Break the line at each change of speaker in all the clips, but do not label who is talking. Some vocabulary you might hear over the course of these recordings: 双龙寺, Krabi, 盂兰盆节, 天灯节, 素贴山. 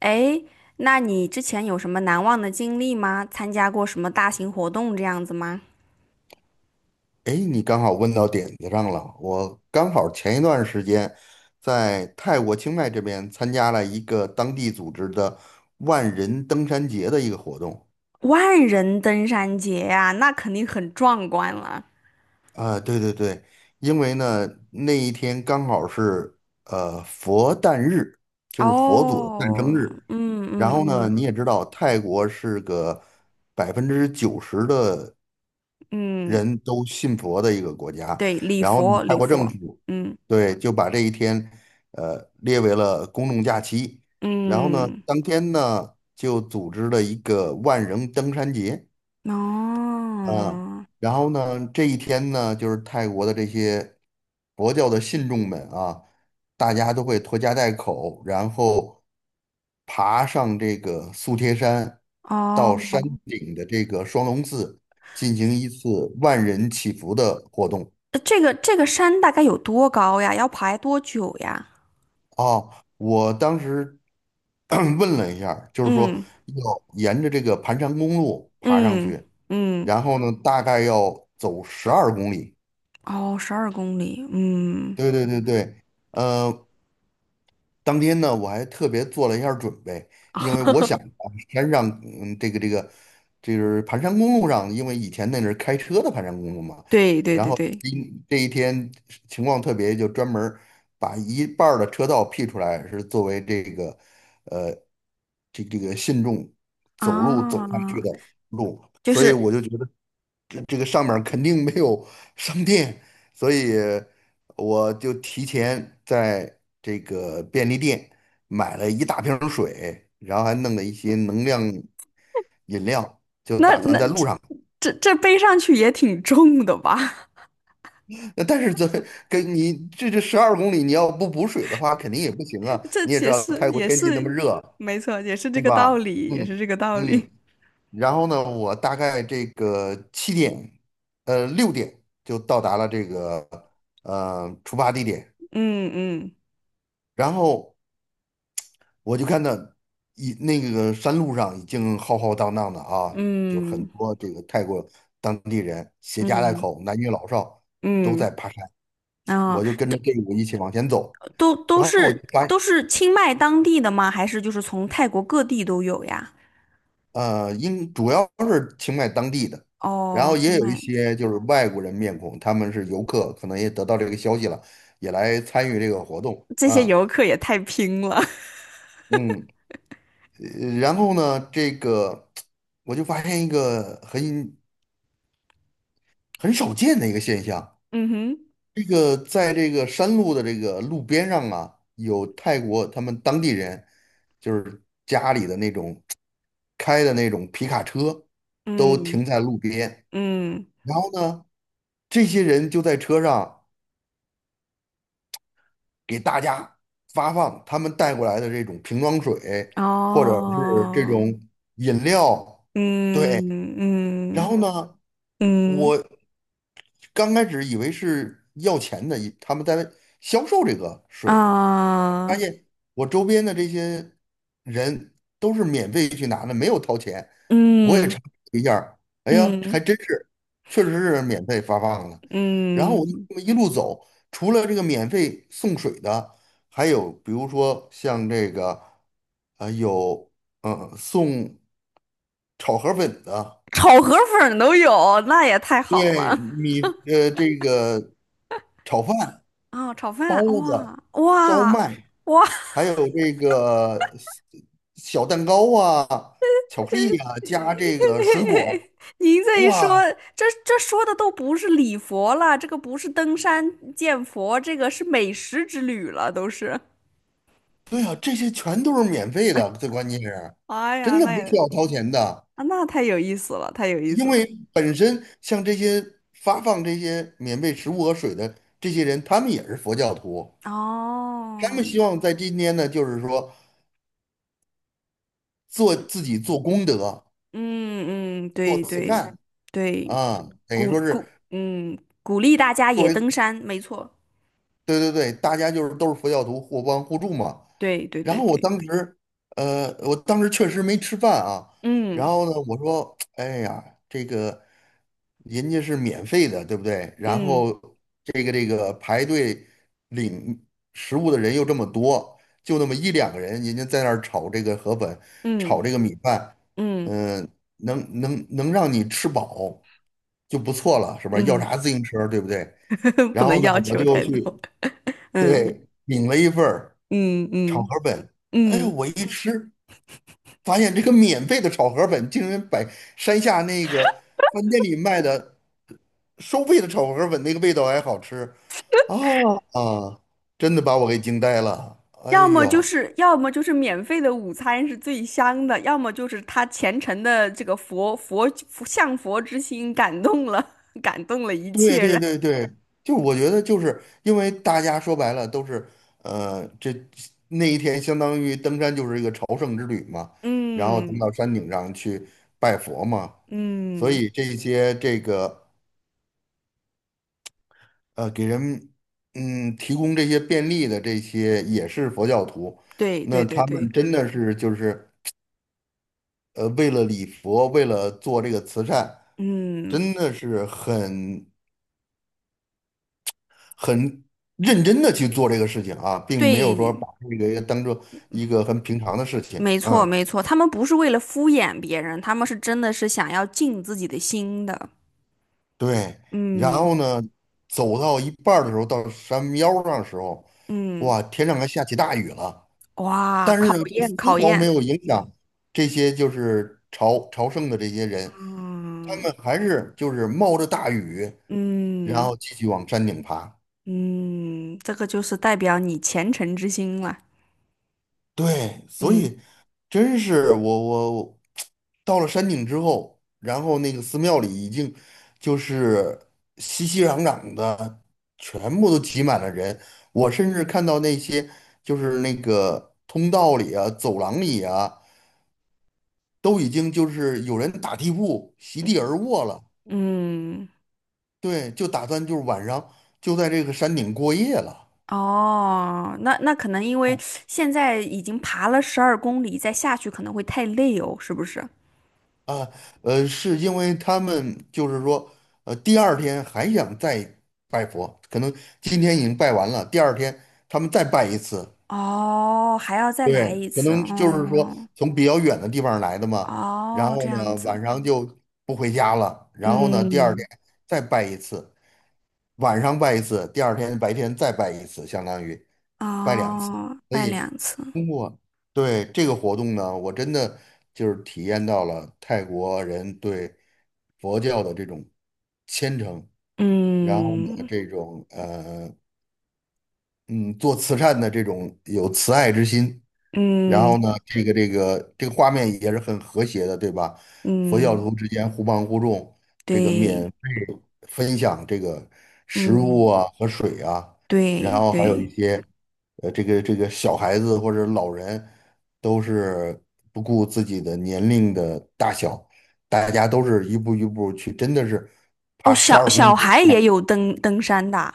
哎，那你之前有什么难忘的经历吗？参加过什么大型活动这样子吗？
哎，你刚好问到点子上了。我刚好前一段时间在泰国清迈这边参加了一个当地组织的万人登山节的一个活动。
万人登山节呀，那肯定很壮观了。
啊，对对对，因为呢那一天刚好是佛诞日，就是佛祖的诞
哦，
生日。
嗯嗯
然后呢，你
嗯
也知道泰国是个90%的
嗯，
人都信佛的一个国家。
对，礼
然后呢，
佛
泰
礼
国政
佛，
府
嗯
对就把这一天列为了公众假期。然后呢，
嗯，
当天呢就组织了一个万人登山节。嗯，
哦
然后呢，这一天呢，就是泰国的这些佛教的信众们啊，大家都会拖家带口，然后爬上这个素贴山，到
哦，
山顶的这个双龙寺进行一次万人祈福的活动。
这个山大概有多高呀？要爬多久呀？
啊。我当时 问了一下儿就是说
嗯
要沿着这个盘山公路爬上
嗯
去，
嗯，
然后呢，大概要走十二公里。
哦，十二公里，嗯，
对对对对，呃，当天呢，我还特别做了一下儿准备，因为我想啊山上，这个，就是盘山公路上，因为以前那是开车的盘山公路嘛，
对对
然
对
后
对。
今这一天情况特别，就专门儿把一半儿的车道辟出来，是作为这个，呃，这个信众走路走上去
啊，
的路，
就
所以
是
我就觉得这个上面儿肯定没有商店，所以。我就提前在这个便利店买了一大瓶儿水，然后还弄了一些能量饮料，就
那
打算
那
在路上。
这这这背上去也挺重的吧？
那但是这跟你这十二公里，你要不补水的话，肯定也不行啊。
这
你也知
也
道
是
泰国
也
天气那么
是
热，
没错，也是这
对
个道
吧？
理，也是
嗯
这个道理。
嗯。然后呢，我大概这个7点，6点就到达了这个出发地点，
嗯嗯
然后。我就看到一那个山路上已经浩浩荡荡的啊，就是很
嗯
多这个泰国当地人携家带
嗯
口，男女老少都
嗯
在爬山，
啊，
我就跟着队伍一起往前走，
都都
然后我就
是
发
都
现
是清迈当地的吗？还是就是从泰国各地都有呀？
应主要是清迈当地的，然
哦，
后
清
也有一
迈
些就是外国人面孔，他们是游客，可能也得到这个消息了，也来参与这个活动
这些
啊，
游客也太拼了。
嗯，然后呢，这个我就发现一个很少见的一个现象。
嗯哼，
这个在这个山路的这个路边上啊，有泰国他们当地人，就是家里的那种开的那种皮卡车，都
嗯
停在路边。
嗯，
然后呢，这些人就在车上给大家发放他们带过来的这种瓶装水，或者是这
哦，
种饮料。对，
嗯
然
嗯。
后呢，
嗯
我刚开始以为是要钱的，以他们在销售这个水。发
啊，
现我周边的这些人都是免费去拿的，没有掏钱。我也查
嗯
了一下儿哎呀，还
嗯
真是，确实是免费发放的。然后我就
嗯，
这么一路走，除了这个免费送水的，还有比如说像这个，有送炒河粉的，
炒河粉儿都有，那也太好
对
了
这个炒饭、
啊！炒
包
饭，
子、
哇
烧
哇
麦。
哇！
还有这个小蛋糕啊、巧克力啊，加这个水果儿
您这一说，
哇，
这说的都不是礼佛了，这个不是登山见佛，这个是美食之旅了，都是。
对呀，这些全都是免费的，最关键是
哎呀，
真的
那
不
也
需要掏钱的，
啊，那太有意思了，太有意思
因
了。
为本身像这些发放这些免费食物和水的这些人，他们也是佛教徒，他
哦，
们希望在今天呢，就是说做
嗯。
自己做功德、
嗯嗯，
做
对
慈
对
善
对，
啊，等于
鼓
说是。
鼓嗯鼓励大家
作
也
为。
登山，没错，
对对对，大家就是都是佛教徒，互帮互助嘛。
对对
然
对
后我
对，
当时确实没吃饭啊。然
嗯
后呢，我说，哎呀，这个人家是免费的，对不对？然
嗯
后这个排队领食物的人又这么多，就那么一两个人，人家在那儿炒这个河粉，
嗯
炒这个米饭，
嗯
嗯、能让你吃饱就不错了，是吧？要
嗯，
啥自行车，对不对？
不
然
能
后呢，
要
我
求
就
太
去。
多，嗯
对，领了一份儿
嗯
炒
嗯
河粉，哎，
嗯，
我一吃发现这个免费的炒河粉竟然比山下那个饭店里卖的收费的炒河粉那个味道还好吃啊啊！真的把我给惊呆了，哎
要么就
呦，
是要么就是免费的午餐是最香的，要么就是他虔诚的这个佛佛佛向佛之心感动了，感动了一
对
切
对
人，
对对，就我觉得就是因为大家说白了都是呃这那一天相当于登山就是一个朝圣之旅嘛，然后登
嗯
到山顶上去拜佛嘛。所
嗯，
以这些这个给人提供这些便利的这些也是佛教徒，
对
那
对对
他
对。
们真的是就是为了礼佛，为了做这个慈善，
嗯，
真的是很认真的去做这个事情啊，并没有说
对，
把这个当做一个很平常的事情，
没错
嗯，
没错，他们不是为了敷衍别人，他们是真的是想要尽自己的心的。
对。然
嗯
后呢，走到一半儿的时候，到山腰上的时候，
嗯，
哇，天上还下起大雨了。
哇，
但
考
是呢，这丝
验考
毫没
验，
有影响这些就是朝圣的这些人，他
嗯
们还是就是冒着大雨，然
嗯
后继续往山顶爬。
嗯，这个就是代表你虔诚之心了。
对，所
嗯
以真是我到了山顶之后，然后那个寺庙里已经就是熙熙攘攘的，全部都挤满了人。我甚至看到那些就是那个通道里啊、走廊里啊。都已经就是有人打地铺席地而卧了，
嗯，
对，就打算就是晚上就在这个山顶过夜了。
哦，那可能因为
哦
现在已经爬了十二公里，再下去可能会太累哦，是不是？
啊，是因为他们就是说，第二天还想再拜佛，可能今天已经拜完了，第二天他们再拜一次。
哦，还要再来
对，
一
可
次，
能就是说
哦。
从比较远的地方来的嘛，然
哦，
后
这样
呢晚
子，
上就不回家了，然后呢第二天
嗯
再拜一次，晚上拜一次，第二天白天再拜一次，相当于拜两次。
哦，
所
拜
以
2次，
通过对这个活动呢，我真的就是体验到了泰国人对佛教的这种虔诚，然后呢
嗯
这种做慈善的这种有慈爱之心，然后呢，
嗯
这个画面也是很和谐的，对吧？佛教
嗯，
徒之间互帮互助，这个
对，
分享这个食物啊
嗯
和水啊，然
对
后还有一
对，
些这个小孩子或者老人都是不顾自己的年龄的大小，大家都是一步一步去，真的是
哦，
爬十
小
二公
小
里。
孩也有登山的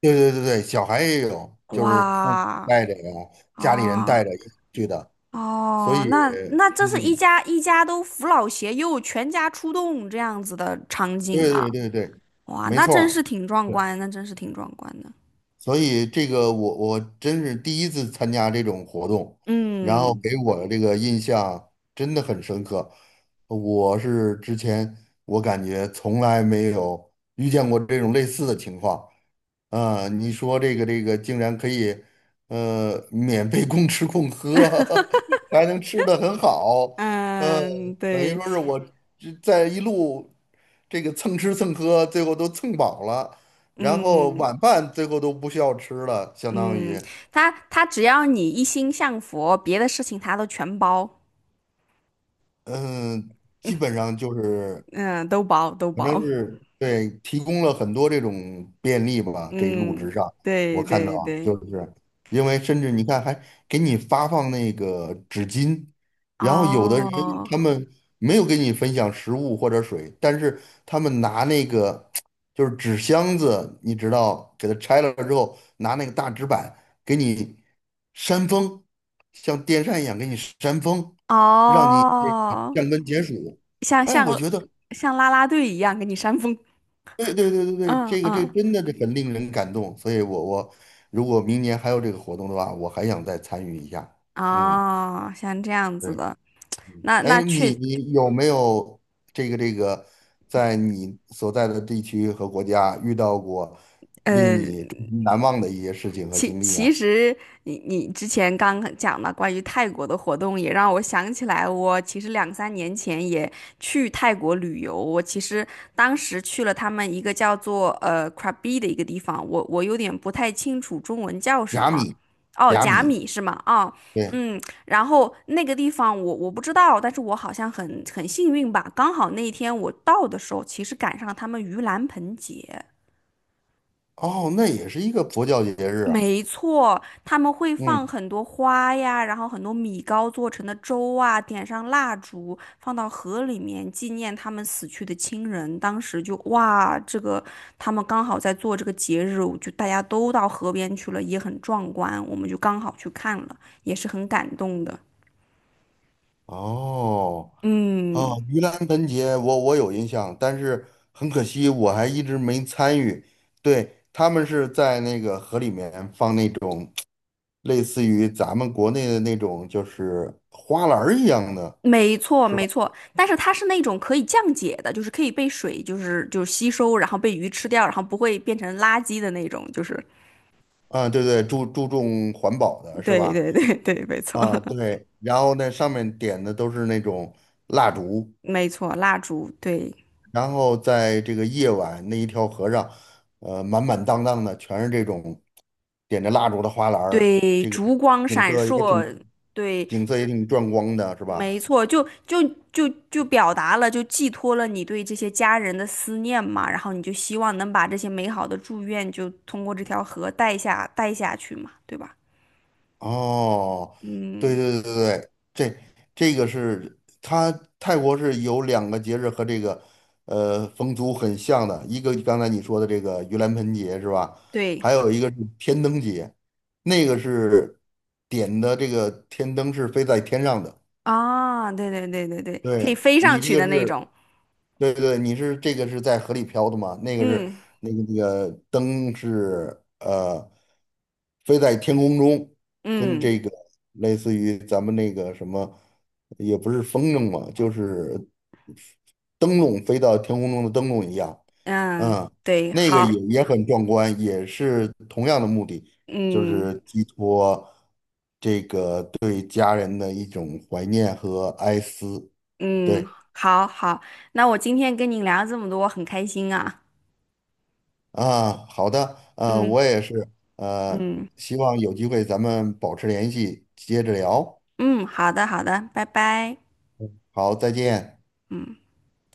对对对对，小孩也有，
啊
就是父母
哇，
带着呀，家里人
哦
带着一起去的，所
哦，
以，
那这是一
嗯，
家一家都扶老携幼，全家出动这样子的场景
对
啊，
对对对，
哇，
没
那
错
真是
儿，
挺壮
是，
观，那真是挺壮观的，
所以这个我真是第一次参加这种活动，然后
嗯
给我的这个印象真的很深刻，我是之前我感觉从来没有遇见过这种类似的情况，啊，你说这个竟然可以，免费供吃供喝，还能吃的很好，嗯、
嗯，
等于
对，
说是我这在一路这个蹭吃蹭喝，最后都蹭饱了，然后
嗯。
晚饭最后都不需要吃了，相当
嗯，
于，
他只要你一心向佛，别的事情他都全包，
嗯、基本上就是
嗯，都包都
反正
包，
是对，提供了很多这种便利吧。这一路
嗯，
之上，我
对
看到
对
啊
对，
就是因为甚至你看还给你发放那个纸巾，然后有的人
哦
他们没有给你分享食物或者水，但是他们拿那个就是纸箱子，你知道，给它拆了之后，拿那个大纸板给你扇风，像电扇一样给你扇风，让你这个
哦，
降温解暑。
像
哎，我
像
觉得。
像啦啦队一样给你扇风，
对对对对 对，
嗯
这
嗯，
真的是很令人感动，所以我如果明年还有这个活动的话，我还想再参与一下。嗯，
哦，像这样子
对，
的，
嗯，
那
哎，
那确
你有没有这个在你所在的地区和国家遇到过令
呃
你终身难忘的一些事情和
其
经历
其
啊？
实你之前刚讲的关于泰国的活动，也让我想起来，我其实两三年前也去泰国旅游。我其实当时去了他们一个叫做Krabi 的一个地方，我有点不太清楚中文叫什
甲
么。
米，
哦，
甲
甲
米，
米是吗？哦，
对，
嗯，然后那个地方我不知道，但是我好像很幸运吧，刚好那一天我到的时候，其实赶上他们盂兰盆节。
哦，那也是一个佛教节日啊。
没错，他们会放
嗯，
很多花呀，然后很多米糕做成的粥啊，点上蜡烛，放到河里面纪念他们死去的亲人。当时就哇，这个他们刚好在做这个节日，就大家都到河边去了，也很壮观，我们就刚好去看了，也是很感动的。
哦。啊，
嗯，
盂兰盆节我有印象，但是很可惜我还一直没参与。对，他们是在那个河里面放那种类似于咱们国内的那种就是花篮儿一样的，
没错
是吧？
没错，但是它是那种可以降解的，就是可以被水就是吸收，然后被鱼吃掉，然后不会变成垃圾的那种，就是。
啊，对对，注重环保的是
对
吧？
对对对，没错，
啊，对，然后那上面点的都是那种蜡烛，
没错，蜡烛，对
然后在这个夜晚那一条河上，满满当当的全是这种点着蜡烛的花篮儿，
对，
这个
烛光
景
闪
色也
烁，
挺
对，
景色也挺壮观的，是吧？
没错，就表达了，就寄托了你对这些家人的思念嘛，然后你就希望能把这些美好的祝愿，就通过这条河带下去嘛，对吧？
哦，对
嗯，
对对对，对，这个是它泰国是有两个节日和这个风俗很像的，一个刚才你说的这个盂兰盆节是吧？
对
还有一个是天灯节，那个是点的这个天灯是飞在天上的。
啊，对对对对对，可以
对
飞上
你
去
这
的
个
那
是，
种，
对对，你是这个是在河里漂的嘛？那个是
嗯
那个那个灯是飞在天空中，跟
嗯
这个类似于咱们那个什么，也不是风筝嘛，就是灯笼飞到天空中的灯笼一样，
嗯，
嗯，
对，
那个也
好，
也很壮观，也是同样的目的，就
嗯。
是寄托对家人的一种怀念和哀思，
嗯，
对。
好好，那我今天跟你聊这么多，我很开心啊。
啊，好的，
嗯
我也是，
嗯
希望有机会咱们保持联系，接着聊。
嗯，好的好的，拜拜。
好，再见。
嗯。